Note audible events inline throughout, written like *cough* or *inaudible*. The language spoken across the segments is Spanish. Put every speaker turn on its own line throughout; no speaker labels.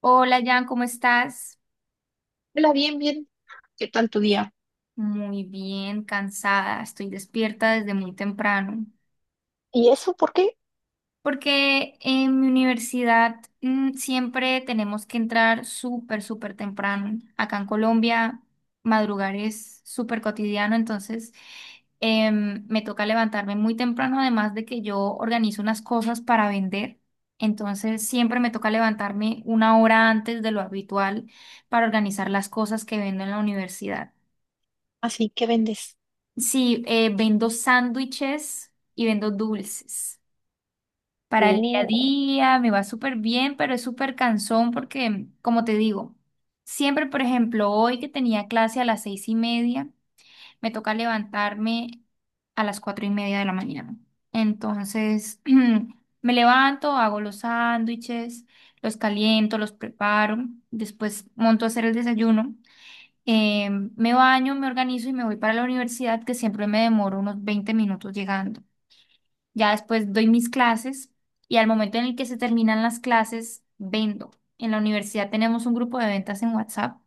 Hola Jan, ¿cómo estás?
Hola, bien, bien. ¿Qué tal tu día?
Muy bien, cansada, estoy despierta desde muy temprano,
¿Y eso por qué?
porque en mi universidad siempre tenemos que entrar súper, súper temprano. Acá en Colombia, madrugar es súper cotidiano, entonces me toca levantarme muy temprano, además de que yo organizo unas cosas para vender, entonces siempre me toca levantarme una hora antes de lo habitual para organizar las cosas que vendo en la universidad.
Así que vendes.
Sí, vendo sándwiches y vendo dulces. Para el día a
Oh,
día me va súper bien, pero es súper cansón porque, como te digo, siempre, por ejemplo, hoy que tenía clase a las 6:30, me toca levantarme a las 4:30 de la mañana. Entonces, *clears throat* me levanto, hago los sándwiches, los caliento, los preparo, después monto a hacer el desayuno. Eh, me baño, me organizo y me voy para la universidad, que siempre me demoro unos 20 minutos llegando. Ya después doy mis clases y al momento en el que se terminan las clases, vendo. En la universidad tenemos un grupo de ventas en WhatsApp,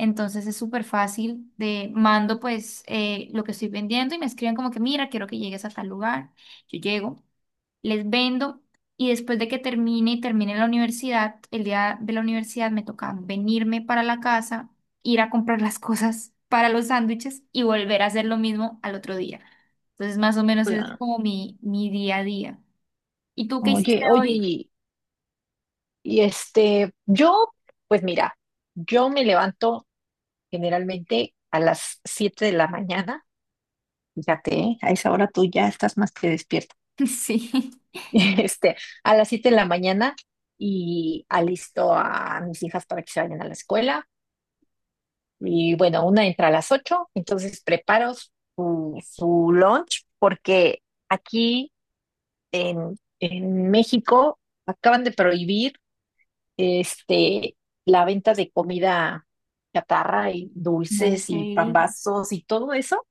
entonces es súper fácil, de mando pues lo que estoy vendiendo y me escriben como que mira, quiero que llegues a tal lugar. Yo llego, les vendo y después de que termine y termine la universidad, el día de la universidad me toca venirme para la casa, ir a comprar las cosas para los sándwiches y volver a hacer lo mismo al otro día. Entonces más o menos ese es
ya.
como mi día a día. ¿Y tú qué hiciste
Oye, oye,
hoy?
y, y este, yo, pues mira, yo me levanto generalmente a las 7 de la mañana. Fíjate, ¿eh? A esa hora tú ya estás más que despierta. *laughs*
*laughs* Sí.
Este, a las 7 de la mañana y alisto a mis hijas para que se vayan a la escuela. Y bueno, una entra a las 8, entonces preparo su lunch porque... Aquí en México acaban de prohibir este, la venta de comida chatarra y dulces
Ok.
y pambazos y todo eso.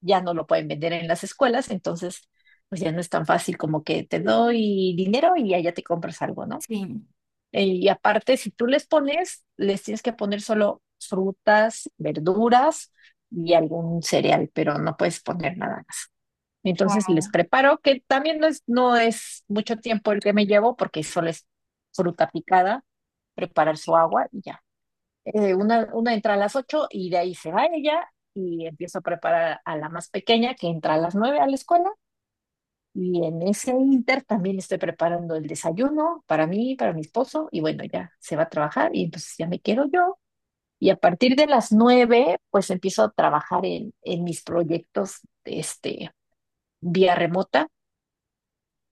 Ya no lo pueden vender en las escuelas, entonces pues ya no es tan fácil como que te doy dinero y allá te compras algo, ¿no?
Sí.
Y aparte, si tú les pones, les tienes que poner solo frutas, verduras y algún cereal, pero no puedes poner nada más. Entonces les
Wow.
preparo, que también no es mucho tiempo el que me llevo, porque solo es fruta picada, preparar su agua y ya. Una entra a las 8 y de ahí se va ella y empiezo a preparar a la más pequeña que entra a las 9 a la escuela. Y en ese inter también estoy preparando el desayuno para mí, para mi esposo, y bueno, ya se va a trabajar y entonces ya me quedo yo. Y a partir de las 9, pues empiezo a trabajar en mis proyectos, vía remota,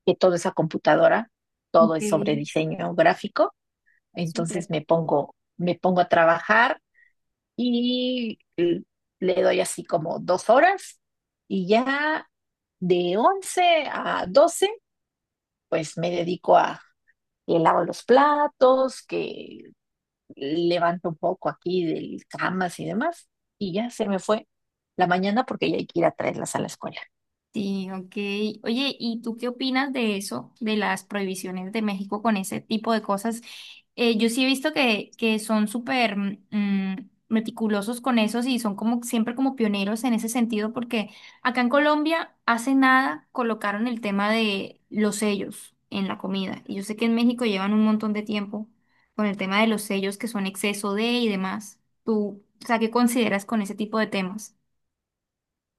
que todo es a computadora, todo
Ok,
es sobre diseño gráfico, entonces
súper.
me pongo a trabajar y l- le doy así como 2 horas, y ya de 11 a 12 pues me dedico a que lavo los platos, que levanto un poco aquí de camas y demás, y ya se me fue la mañana porque ya hay que ir a traerlas a la escuela.
Sí, ok. Oye, ¿y tú qué opinas de eso, de las prohibiciones de México con ese tipo de cosas? Yo sí he visto que son súper meticulosos con eso y son como siempre como pioneros en ese sentido, porque acá en Colombia hace nada colocaron el tema de los sellos en la comida. Y yo sé que en México llevan un montón de tiempo con el tema de los sellos que son exceso de y demás. ¿Tú, o sea, qué consideras con ese tipo de temas?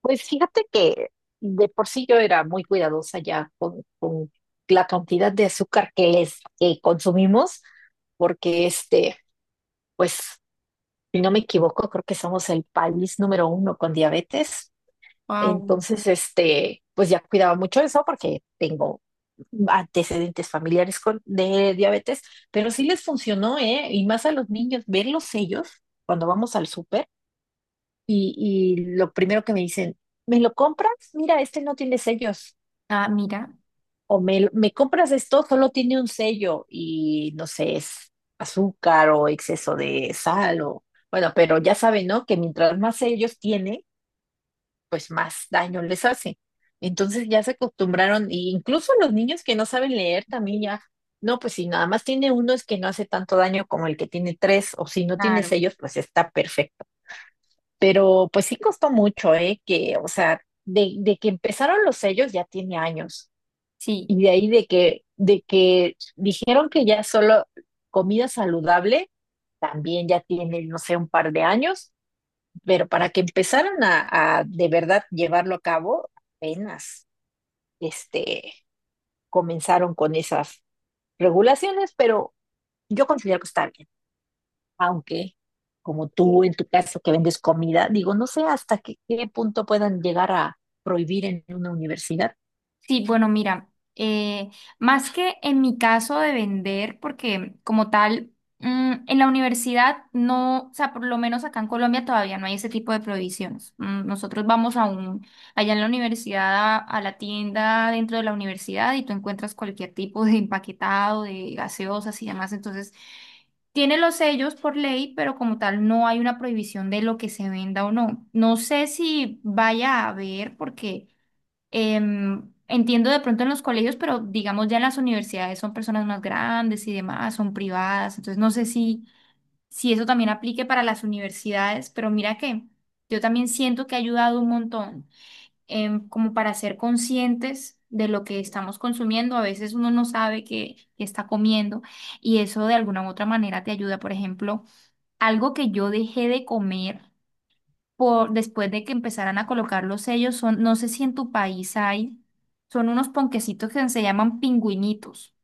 Pues fíjate que de por sí yo era muy cuidadosa ya con la cantidad de azúcar que les que consumimos, porque pues, si no me equivoco, creo que somos el país número uno con diabetes.
Wow.
Entonces, pues ya cuidaba mucho eso porque tengo antecedentes familiares con, de diabetes, pero sí les funcionó, ¿eh? Y más a los niños, ver los sellos cuando vamos al súper y lo primero que me dicen, ¿me lo compras? Mira, este no tiene sellos.
Ah, mira,
Me compras esto, solo tiene un sello y no sé, es azúcar o exceso de sal o bueno, pero ya saben, ¿no? Que mientras más sellos tiene, pues más daño les hace. Entonces ya se acostumbraron, e incluso los niños que no saben leer también ya, no, pues si nada más tiene uno es que no hace tanto daño como el que tiene tres, o si no tiene
claro.
sellos, pues está perfecto. Pero pues sí costó mucho, ¿eh? Que, o sea, de que empezaron los sellos ya tiene años.
Sí,
Y de ahí de que dijeron que ya solo comida saludable, también ya tiene, no sé, un par de años. Pero para que empezaran a de verdad llevarlo a cabo, apenas este, comenzaron con esas regulaciones, pero yo considero que está bien. Aunque como tú en tu caso que vendes comida, digo, no sé hasta qué punto puedan llegar a prohibir en una universidad.
sí, bueno, mira, eh, más que en mi caso de vender, porque como tal, en la universidad no, o sea, por lo menos acá en Colombia todavía no hay ese tipo de prohibiciones. Mm, nosotros vamos a un, allá en la universidad, a la tienda dentro de la universidad y tú encuentras cualquier tipo de empaquetado, de gaseosas y demás. Entonces, tiene los sellos por ley, pero como tal no hay una prohibición de lo que se venda o no. No sé si vaya a haber, porque... entiendo de pronto en los colegios, pero digamos ya en las universidades son personas más grandes y demás, son privadas, entonces no sé si, si eso también aplique para las universidades, pero mira que yo también siento que ha ayudado un montón, como para ser conscientes de lo que estamos consumiendo, a veces uno no sabe que está comiendo y eso de alguna u otra manera te ayuda, por ejemplo, algo que yo dejé de comer por, después de que empezaran a colocar los sellos, son, no sé si en tu país hay, son unos ponquecitos que se llaman pingüinitos.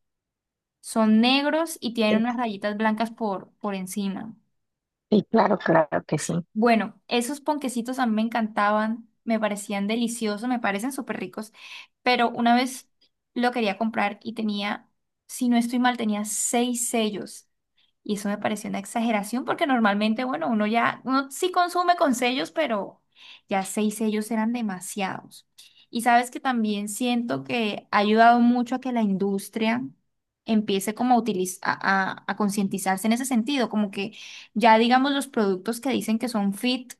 Son negros y tienen unas rayitas blancas por encima.
Y claro, claro que sí.
Bueno, esos ponquecitos a mí me encantaban, me parecían deliciosos, me parecen súper ricos, pero una vez lo quería comprar y tenía, si no estoy mal, tenía 6 sellos. Y eso me pareció una exageración porque normalmente, bueno, uno ya, uno sí consume con sellos, pero ya 6 sellos eran demasiados. Y sabes que también siento que ha ayudado mucho a que la industria empiece como a, a, a concientizarse en ese sentido, como que ya digamos los productos que dicen que son fit,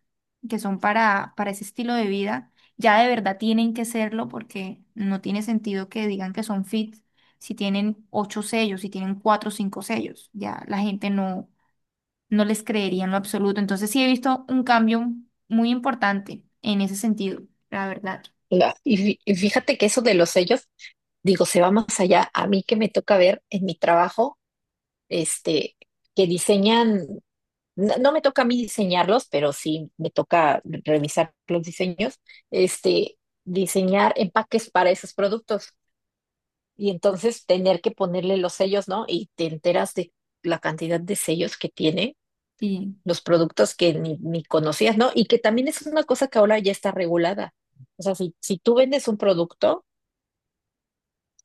que son para ese estilo de vida, ya de verdad tienen que serlo porque no tiene sentido que digan que son fit si tienen 8 sellos, si tienen cuatro o cinco sellos. Ya la gente no, no les creería en lo absoluto. Entonces sí he visto un cambio muy importante en ese sentido, la verdad.
Y fíjate que eso de los sellos, digo, se va más allá. A mí que me toca ver en mi trabajo, este, que diseñan, no me toca a mí diseñarlos, pero sí me toca revisar los diseños, este, diseñar empaques para esos productos. Y entonces tener que ponerle los sellos, ¿no? Y te enteras de la cantidad de sellos que tiene,
Sí,
los productos que ni conocías, ¿no? Y que también es una cosa que ahora ya está regulada. O sea, si tú vendes un producto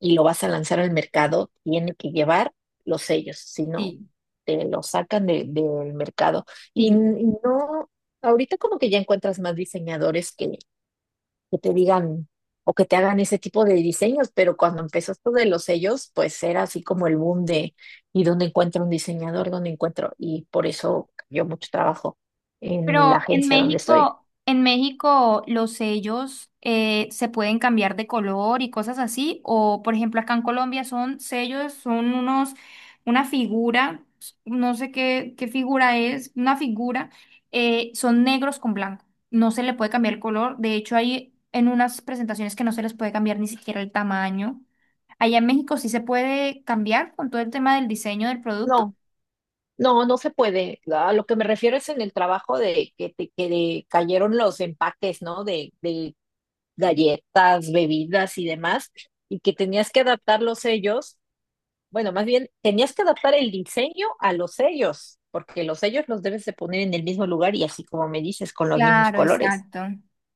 y lo vas a lanzar al mercado, tiene que llevar los sellos, si no,
sí,
te lo sacan del mercado. Y,
sí.
n- y no, ahorita como que ya encuentras más diseñadores que te digan o que te hagan ese tipo de diseños, pero cuando empezó esto de los sellos, pues era así como el boom de ¿y dónde encuentro un diseñador? ¿Dónde encuentro? Y por eso cayó mucho trabajo en la
Pero
agencia donde estoy.
En México los sellos se pueden cambiar de color y cosas así. O por ejemplo acá en Colombia son sellos, son unos, una figura, no sé qué, qué figura es, una figura, son negros con blanco. No se le puede cambiar el color. De hecho, hay en unas presentaciones que no se les puede cambiar ni siquiera el tamaño. Allá en México sí se puede cambiar con todo el tema del diseño del producto.
No, no, no se puede. A lo que me refiero es en el trabajo de que te que cayeron los empaques, ¿no? De galletas, bebidas y demás, y que tenías que adaptar los sellos. Bueno, más bien tenías que adaptar el diseño a los sellos, porque los sellos los debes de poner en el mismo lugar y así como me dices, con los mismos
Claro,
colores.
exacto,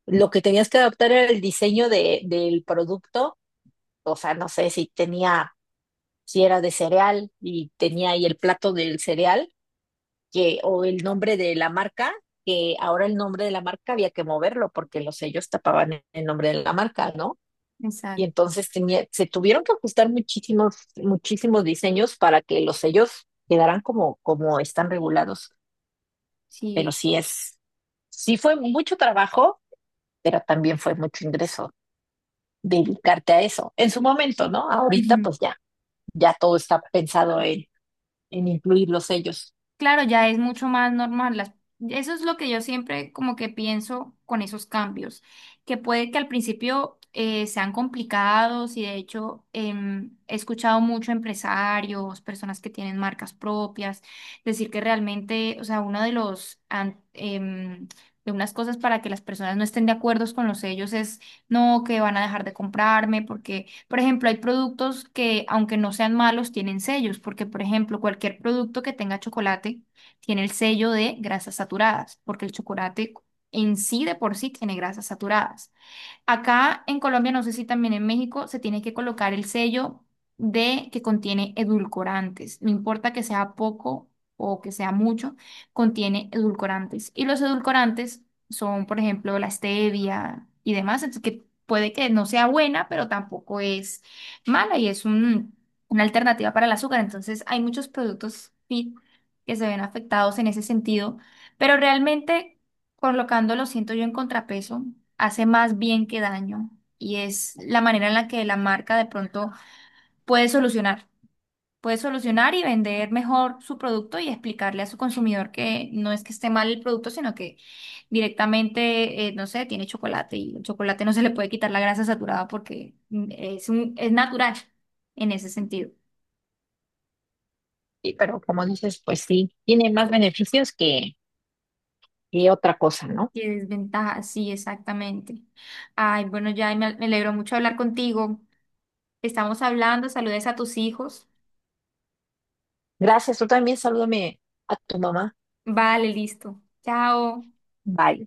Lo que tenías que adaptar era el diseño del producto, o sea, no sé si tenía, si era de cereal y tenía ahí el plato del cereal, que, o el nombre de la marca, que ahora el nombre de la marca había que moverlo porque los sellos tapaban el nombre de la marca, ¿no? Y
exacto.
entonces tenía, se tuvieron que ajustar muchísimos, muchísimos diseños para que los sellos quedaran como, como están regulados. Pero
Sí.
sí es, sí fue mucho trabajo, pero también fue mucho ingreso dedicarte a eso. En su momento, ¿no? Ahorita pues ya, ya todo está pensado en incluir los sellos.
Claro, ya es mucho más normal. Eso es lo que yo siempre como que pienso con esos cambios, que puede que al principio sean complicados y de hecho he escuchado mucho empresarios, personas que tienen marcas propias, decir que realmente, o sea, uno de los, de unas cosas para que las personas no estén de acuerdo con los sellos es, no, que van a dejar de comprarme porque por ejemplo, hay productos que, aunque no sean malos, tienen sellos, porque, por ejemplo, cualquier producto que tenga chocolate tiene el sello de grasas saturadas, porque el chocolate en sí de por sí tiene grasas saturadas. Acá en Colombia, no sé si también en México, se tiene que colocar el sello de que contiene edulcorantes. No importa que sea poco o que sea mucho, contiene edulcorantes. Y los edulcorantes son, por ejemplo, la stevia y demás, entonces que puede que no sea buena, pero tampoco es mala y es una alternativa para el azúcar. Entonces, hay muchos productos fit que se ven afectados en ese sentido, pero realmente colocando Colocándolo, siento yo, en contrapeso, hace más bien que daño y es la manera en la que la marca de pronto puede solucionar, puede solucionar y vender mejor su producto y explicarle a su consumidor que no es que esté mal el producto, sino que directamente, no sé, tiene chocolate y el chocolate no se le puede quitar la grasa saturada porque es un, es natural en ese sentido.
Sí, pero como dices, pues sí, tiene más beneficios que otra cosa, ¿no?
Y desventaja, sí, exactamente. Ay, bueno, ya me alegro mucho hablar contigo. Estamos hablando, saludes a tus hijos.
Gracias, tú también salúdame a tu mamá.
Vale, listo. Chao.
Bye.